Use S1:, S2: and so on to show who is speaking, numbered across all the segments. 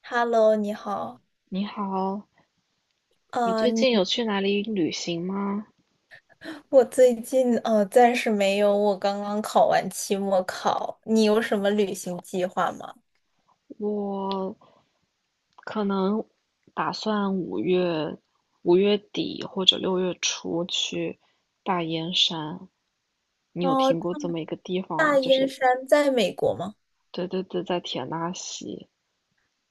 S1: Hello，你好。
S2: 你好，你最
S1: 你
S2: 近有去哪里旅行吗？
S1: 我最近暂时没有，我刚刚考完期末考。你有什么旅行计划吗？
S2: 我可能打算五月底或者六月初去大燕山。你有
S1: 哦，
S2: 听过这么一个地方
S1: 大
S2: 吗？就
S1: 燕
S2: 是
S1: 山在美国吗？
S2: 对对对，在田纳西，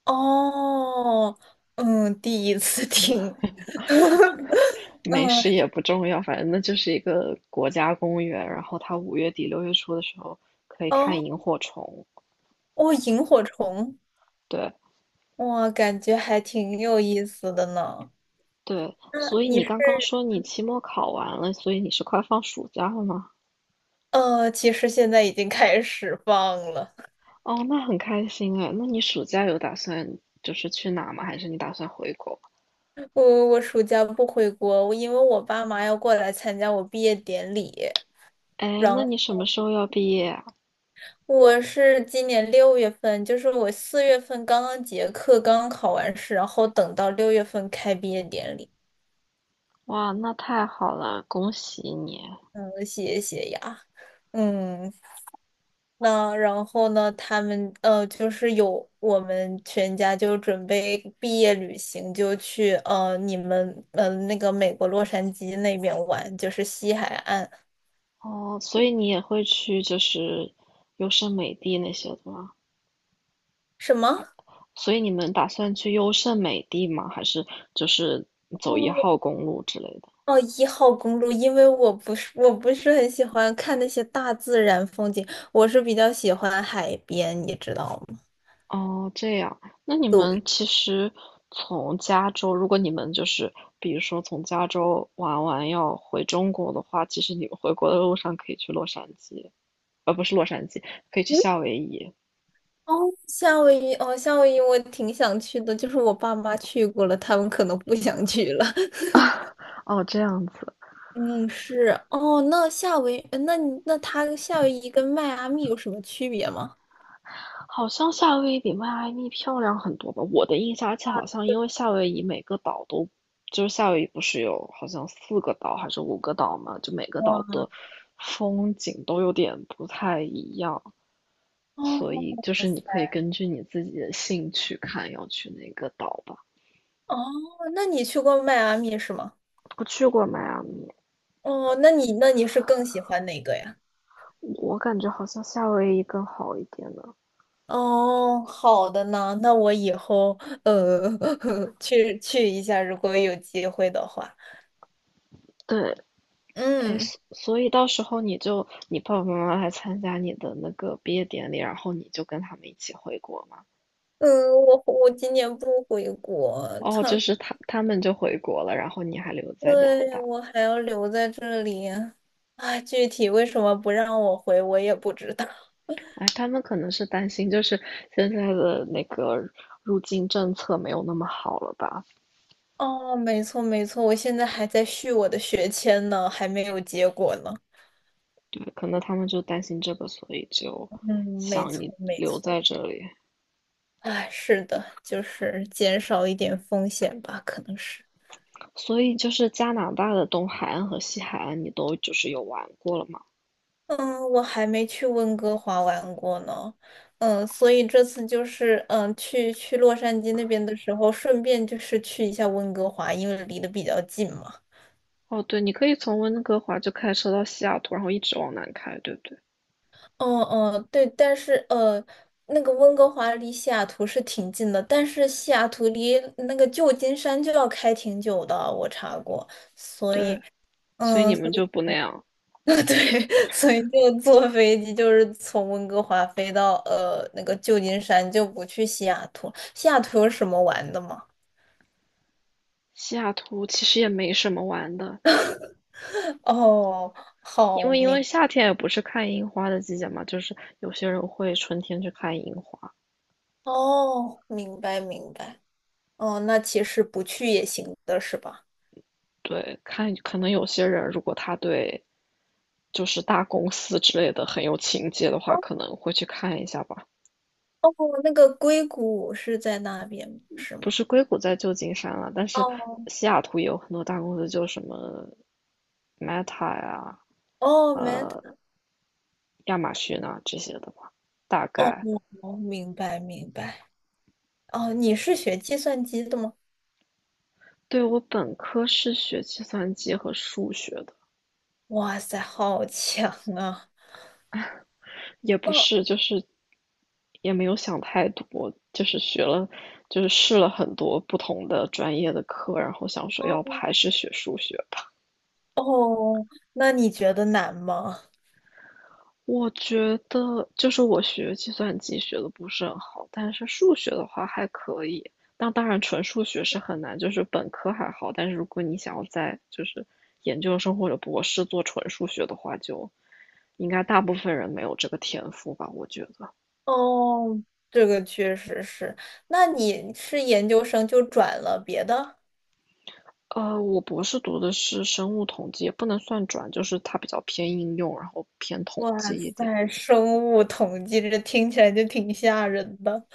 S1: 哦，嗯，第一次听。嗯，
S2: 没事也不重要，反正那就是一个国家公园。然后它五月底六月初的时候可以看
S1: 哦，
S2: 萤火虫。
S1: 哦，萤火虫，
S2: 对
S1: 哇，感觉还挺有意思的呢。
S2: 对，
S1: 那
S2: 所以
S1: 你
S2: 你
S1: 是
S2: 刚刚说你期末考完了，所以你是快放暑假了吗？
S1: 其实现在已经开始放了。
S2: 哦，那很开心哎。那你暑假有打算就是去哪吗？还是你打算回国？
S1: 我暑假不回国，我因为我爸妈要过来参加我毕业典礼，
S2: 哎，
S1: 然
S2: 那
S1: 后
S2: 你什么时候要毕业啊？
S1: 我是今年六月份，就是我4月份刚刚结课，刚刚考完试，然后等到六月份开毕业典礼，
S2: 哇，那太好了，恭喜你！
S1: 嗯，谢谢呀，嗯，那然后呢，他们就是有我们全家就准备毕业旅行，就去你们那个美国洛杉矶那边玩，就是西海岸，
S2: 哦，所以你也会去就是优胜美地那些的吗？
S1: 什么？
S2: 所以你们打算去优胜美地吗？还是就是走一号公路之类的？
S1: 哦，一号公路，因为我不是很喜欢看那些大自然风景，我是比较喜欢海边，你知道吗？
S2: 哦，这样，那你们其实从加州，如果你们就是，比如说从加州玩完要回中国的话，其实你们回国的路上可以去洛杉矶，不是洛杉矶，可以去
S1: 嗯，
S2: 夏威夷。
S1: 哦，夏威夷，哦，夏威夷我挺想去的，就是我爸妈去过了，他们可能不想去了。
S2: 哦，这样子，
S1: 嗯，是，哦，那那它夏威夷跟迈阿密有什么区别吗？
S2: 好像夏威夷比迈阿密漂亮很多吧？我的印象，而且好像因为夏威夷每个岛都，就是夏威夷不是有好像四个岛还是五个岛嘛，就每个岛的风景都有点不太一样。所
S1: 哦，
S2: 以就是你可以根据你自己的兴趣看要去哪个岛吧。
S1: 哦，那你去过迈阿密是吗？
S2: 我去过迈阿密，
S1: 哦，那你是更喜欢哪个呀？
S2: 我感觉好像夏威夷更好一点呢。
S1: 哦，好的呢，那我以后呃 去一下，如果有机会的话。
S2: 对，哎，
S1: 嗯
S2: 所以到时候你就你爸爸妈妈来参加你的那个毕业典礼，然后你就跟他们一起回国嘛。
S1: 嗯，我今年不回国，
S2: 哦，
S1: 他
S2: 就是他们就回国了，然后你还留在加拿
S1: 对
S2: 大。
S1: 我还要留在这里。啊，具体为什么不让我回，我也不知道。
S2: 哎，他们可能是担心，就是现在的那个入境政策没有那么好了吧，
S1: 哦，没错没错，我现在还在续我的学签呢，还没有结果呢。
S2: 对，可能他们就担心这个，所以就
S1: 嗯，没
S2: 想
S1: 错
S2: 你
S1: 没
S2: 留在
S1: 错。
S2: 这里。
S1: 哎，是的，就是减少一点风险吧，可能是。
S2: 所以就是加拿大的东海岸和西海岸，你都就是有玩过了吗？
S1: 嗯，我还没去温哥华玩过呢，嗯，所以这次就是嗯，去洛杉矶那边的时候，顺便就是去一下温哥华，因为离得比较近嘛。
S2: 哦，对，你可以从温哥华就开车到西雅图，然后一直往南开，对不对？
S1: 嗯嗯，对，但是那个温哥华离西雅图是挺近的，但是西雅图离那个旧金山就要开挺久的，我查过。
S2: 对，所以
S1: 嗯，
S2: 你们
S1: 所
S2: 就
S1: 以
S2: 不那样。
S1: 对，所以就坐飞机，就是从温哥华飞到那个旧金山，就不去西雅图。西雅图有什么玩的吗？
S2: 西雅图其实也没什么玩的，
S1: 哦，
S2: 因
S1: 好
S2: 为因为
S1: 明，
S2: 夏天也不是看樱花的季节嘛，就是有些人会春天去看樱花。
S1: 哦，明白明白。哦，那其实不去也行的是吧？
S2: 对，看可能有些人如果他对就是大公司之类的很有情节的话，可能会去看一下吧。
S1: 哦，那个硅谷是在那边是
S2: 不
S1: 吗？
S2: 是硅谷在旧金山了，但是
S1: 哦
S2: 西雅图也有很多大公司，就什么 Meta 呀、
S1: 哦
S2: 呃亚马逊啊这些的吧。大
S1: 哦，
S2: 概
S1: 哦明白明白。哦，你是学计算机的吗？
S2: 对我本科是学计算机和数学的，
S1: 哇塞，好强啊！
S2: 也不
S1: 那
S2: 是就是也没有想太多，就是学了就是试了很多不同的专业的课，然后想说要不
S1: 哦
S2: 还是学数学
S1: 哦，那你觉得难吗？
S2: 我觉得就是我学计算机学的不是很好，但是数学的话还可以。但当然，纯数学是很难，就是本科还好，但是如果你想要在就是研究生或者博士做纯数学的话，就应该大部分人没有这个天赋吧，我觉得。
S1: 哦，这个确实是。那你是研究生就转了别的？
S2: 我博士读的是生物统计，也不能算转，就是它比较偏应用，然后偏统
S1: 哇
S2: 计一点，
S1: 塞，生物统计这听起来就挺吓人的。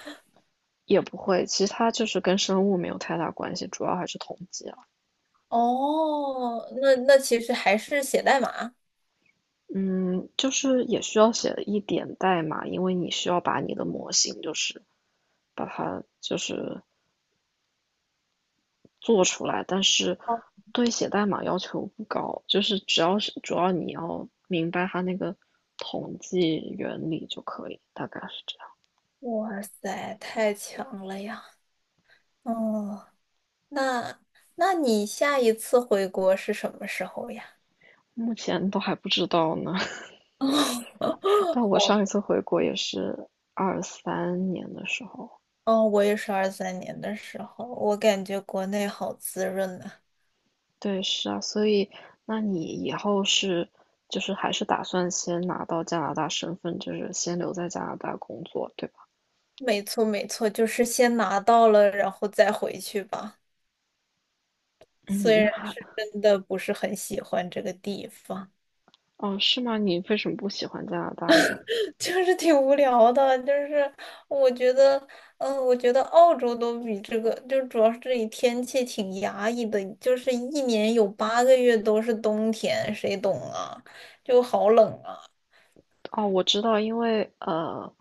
S2: 也不会，其他就是跟生物没有太大关系，主要还是统计。啊。
S1: 哦，那那其实还是写代码。
S2: 嗯，就是也需要写一点代码，因为你需要把你的模型就是把它就是做出来，但是对写代码要求不高，就是只要是主要你要明白它那个统计原理就可以，大概是这样。
S1: 哇塞，太强了呀！哦，那那你下一次回国是什么时候呀？
S2: 目前都还不知道呢，但我
S1: 哦，
S2: 上一次回国也是23年的时候。
S1: 哦，我也是23年的时候，我感觉国内好滋润啊。
S2: 对，是啊，所以那你以后是就是还是打算先拿到加拿大身份，就是先留在加拿大工作，对吧？
S1: 没错，没错，就是先拿到了，然后再回去吧。虽
S2: 嗯，
S1: 然
S2: 那还
S1: 是真的不是很喜欢这个地方。
S2: 哦，是吗？你为什么不喜欢加拿大呢？
S1: 就是挺无聊的，就是我觉得，我觉得澳洲都比这个，就主要是这里天气挺压抑的，就是一年有8个月都是冬天，谁懂啊？就好冷啊！
S2: 哦，我知道，因为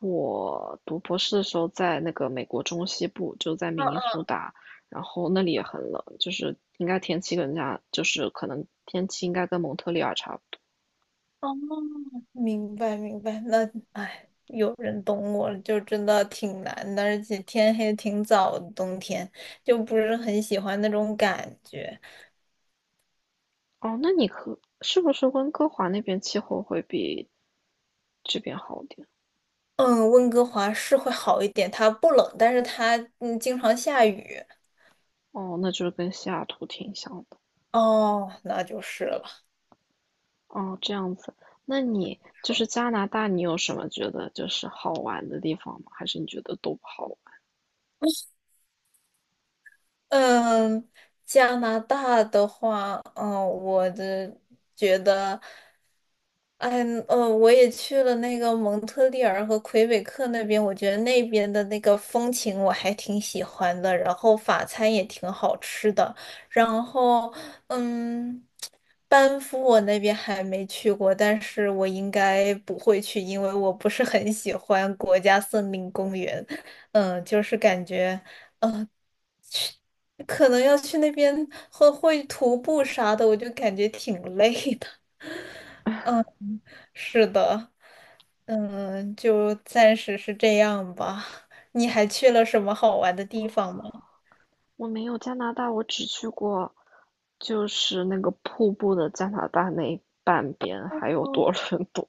S2: 我读博士的时候在那个美国中西部，就在
S1: 啊
S2: 明尼
S1: 啊
S2: 苏达，然后那里也很冷，就是应该天气跟加，就是可能天气应该跟蒙特利尔差不多。
S1: 哦，明白明白，那哎，有人懂我了就真的挺难的，而且天黑挺早的，冬天就不是很喜欢那种感觉。
S2: 哦，那你可是不是温哥华那边气候会比这边好点？
S1: 嗯，温哥华是会好一点，它不冷，但是它经常下雨。
S2: 哦，那就是跟西雅图挺像的。
S1: 哦，那就是了。
S2: 哦，这样子。那你就是加拿大，你有什么觉得就是好玩的地方吗？还是你觉得都不好玩？
S1: 嗯，加拿大的话，嗯，我的觉得，哎，我也去了那个蒙特利尔和魁北克那边，我觉得那边的那个风情我还挺喜欢的，然后法餐也挺好吃的，然后，嗯，班夫我那边还没去过，但是我应该不会去，因为我不是很喜欢国家森林公园。嗯，就是感觉。可能要去那边会徒步啥的，我就感觉挺累的。是的，嗯，就暂时是这样吧。你还去了什么好玩的地方吗？
S2: 我没有加拿大，我只去过就是那个瀑布的加拿大那半边，还有
S1: 哦
S2: 多 伦多。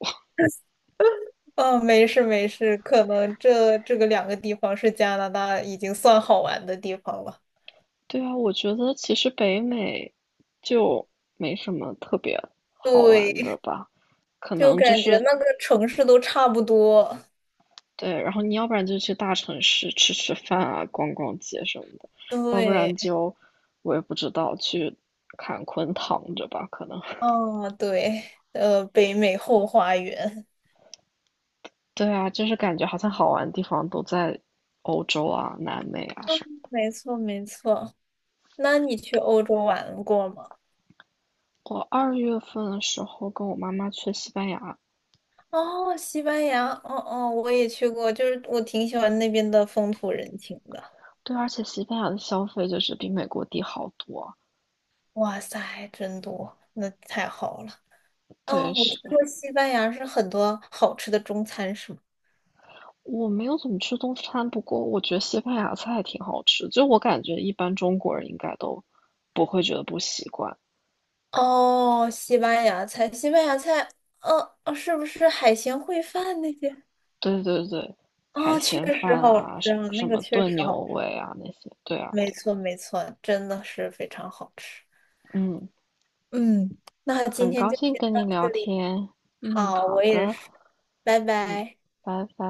S1: 哦没事没事，可能这个2个地方是加拿大已经算好玩的地方了。
S2: 对啊，我觉得其实北美就没什么特别好玩的
S1: 对，
S2: 吧，可
S1: 就
S2: 能就
S1: 感觉
S2: 是
S1: 那个城市都差不多。
S2: 对，然后你要不然就去大城市吃吃饭啊，逛逛街什么的，要不然
S1: 对，
S2: 就我也不知道去坎昆躺着吧，可能。
S1: 哦，对，北美后花园，
S2: 对啊，就是感觉好像好玩的地方都在欧洲啊、南美啊什么。
S1: 没错没错。那你去欧洲玩过吗？
S2: 我二月份的时候跟我妈妈去西班牙，
S1: 哦，西班牙，哦哦，我也去过，就是我挺喜欢那边的风土人情的。
S2: 对，而且西班牙的消费就是比美国低好多啊。
S1: 哇塞，真多，那太好了。哦，
S2: 对，
S1: 我听
S2: 是
S1: 说西班牙是很多好吃的中餐，是吗？
S2: 我没有怎么吃中餐，不过我觉得西班牙菜挺好吃，就我感觉一般中国人应该都不会觉得不习惯。
S1: 哦，西班牙菜，西班牙菜，是不是海鲜烩饭那些？
S2: 对对对，海
S1: 哦，确
S2: 鲜
S1: 实
S2: 饭
S1: 好
S2: 啊，
S1: 吃
S2: 什
S1: 啊，
S2: 什
S1: 那个
S2: 么
S1: 确
S2: 炖
S1: 实好
S2: 牛
S1: 吃，
S2: 尾啊那些，对啊
S1: 没
S2: 对啊，
S1: 错没错，真的是非常好吃。
S2: 嗯，
S1: 嗯，那今
S2: 很
S1: 天
S2: 高
S1: 就
S2: 兴
S1: 先
S2: 跟
S1: 到
S2: 你
S1: 这
S2: 聊
S1: 里。
S2: 天，嗯，
S1: 好，
S2: 好
S1: 我也
S2: 的，
S1: 是，拜
S2: 嗯，
S1: 拜。
S2: 拜拜。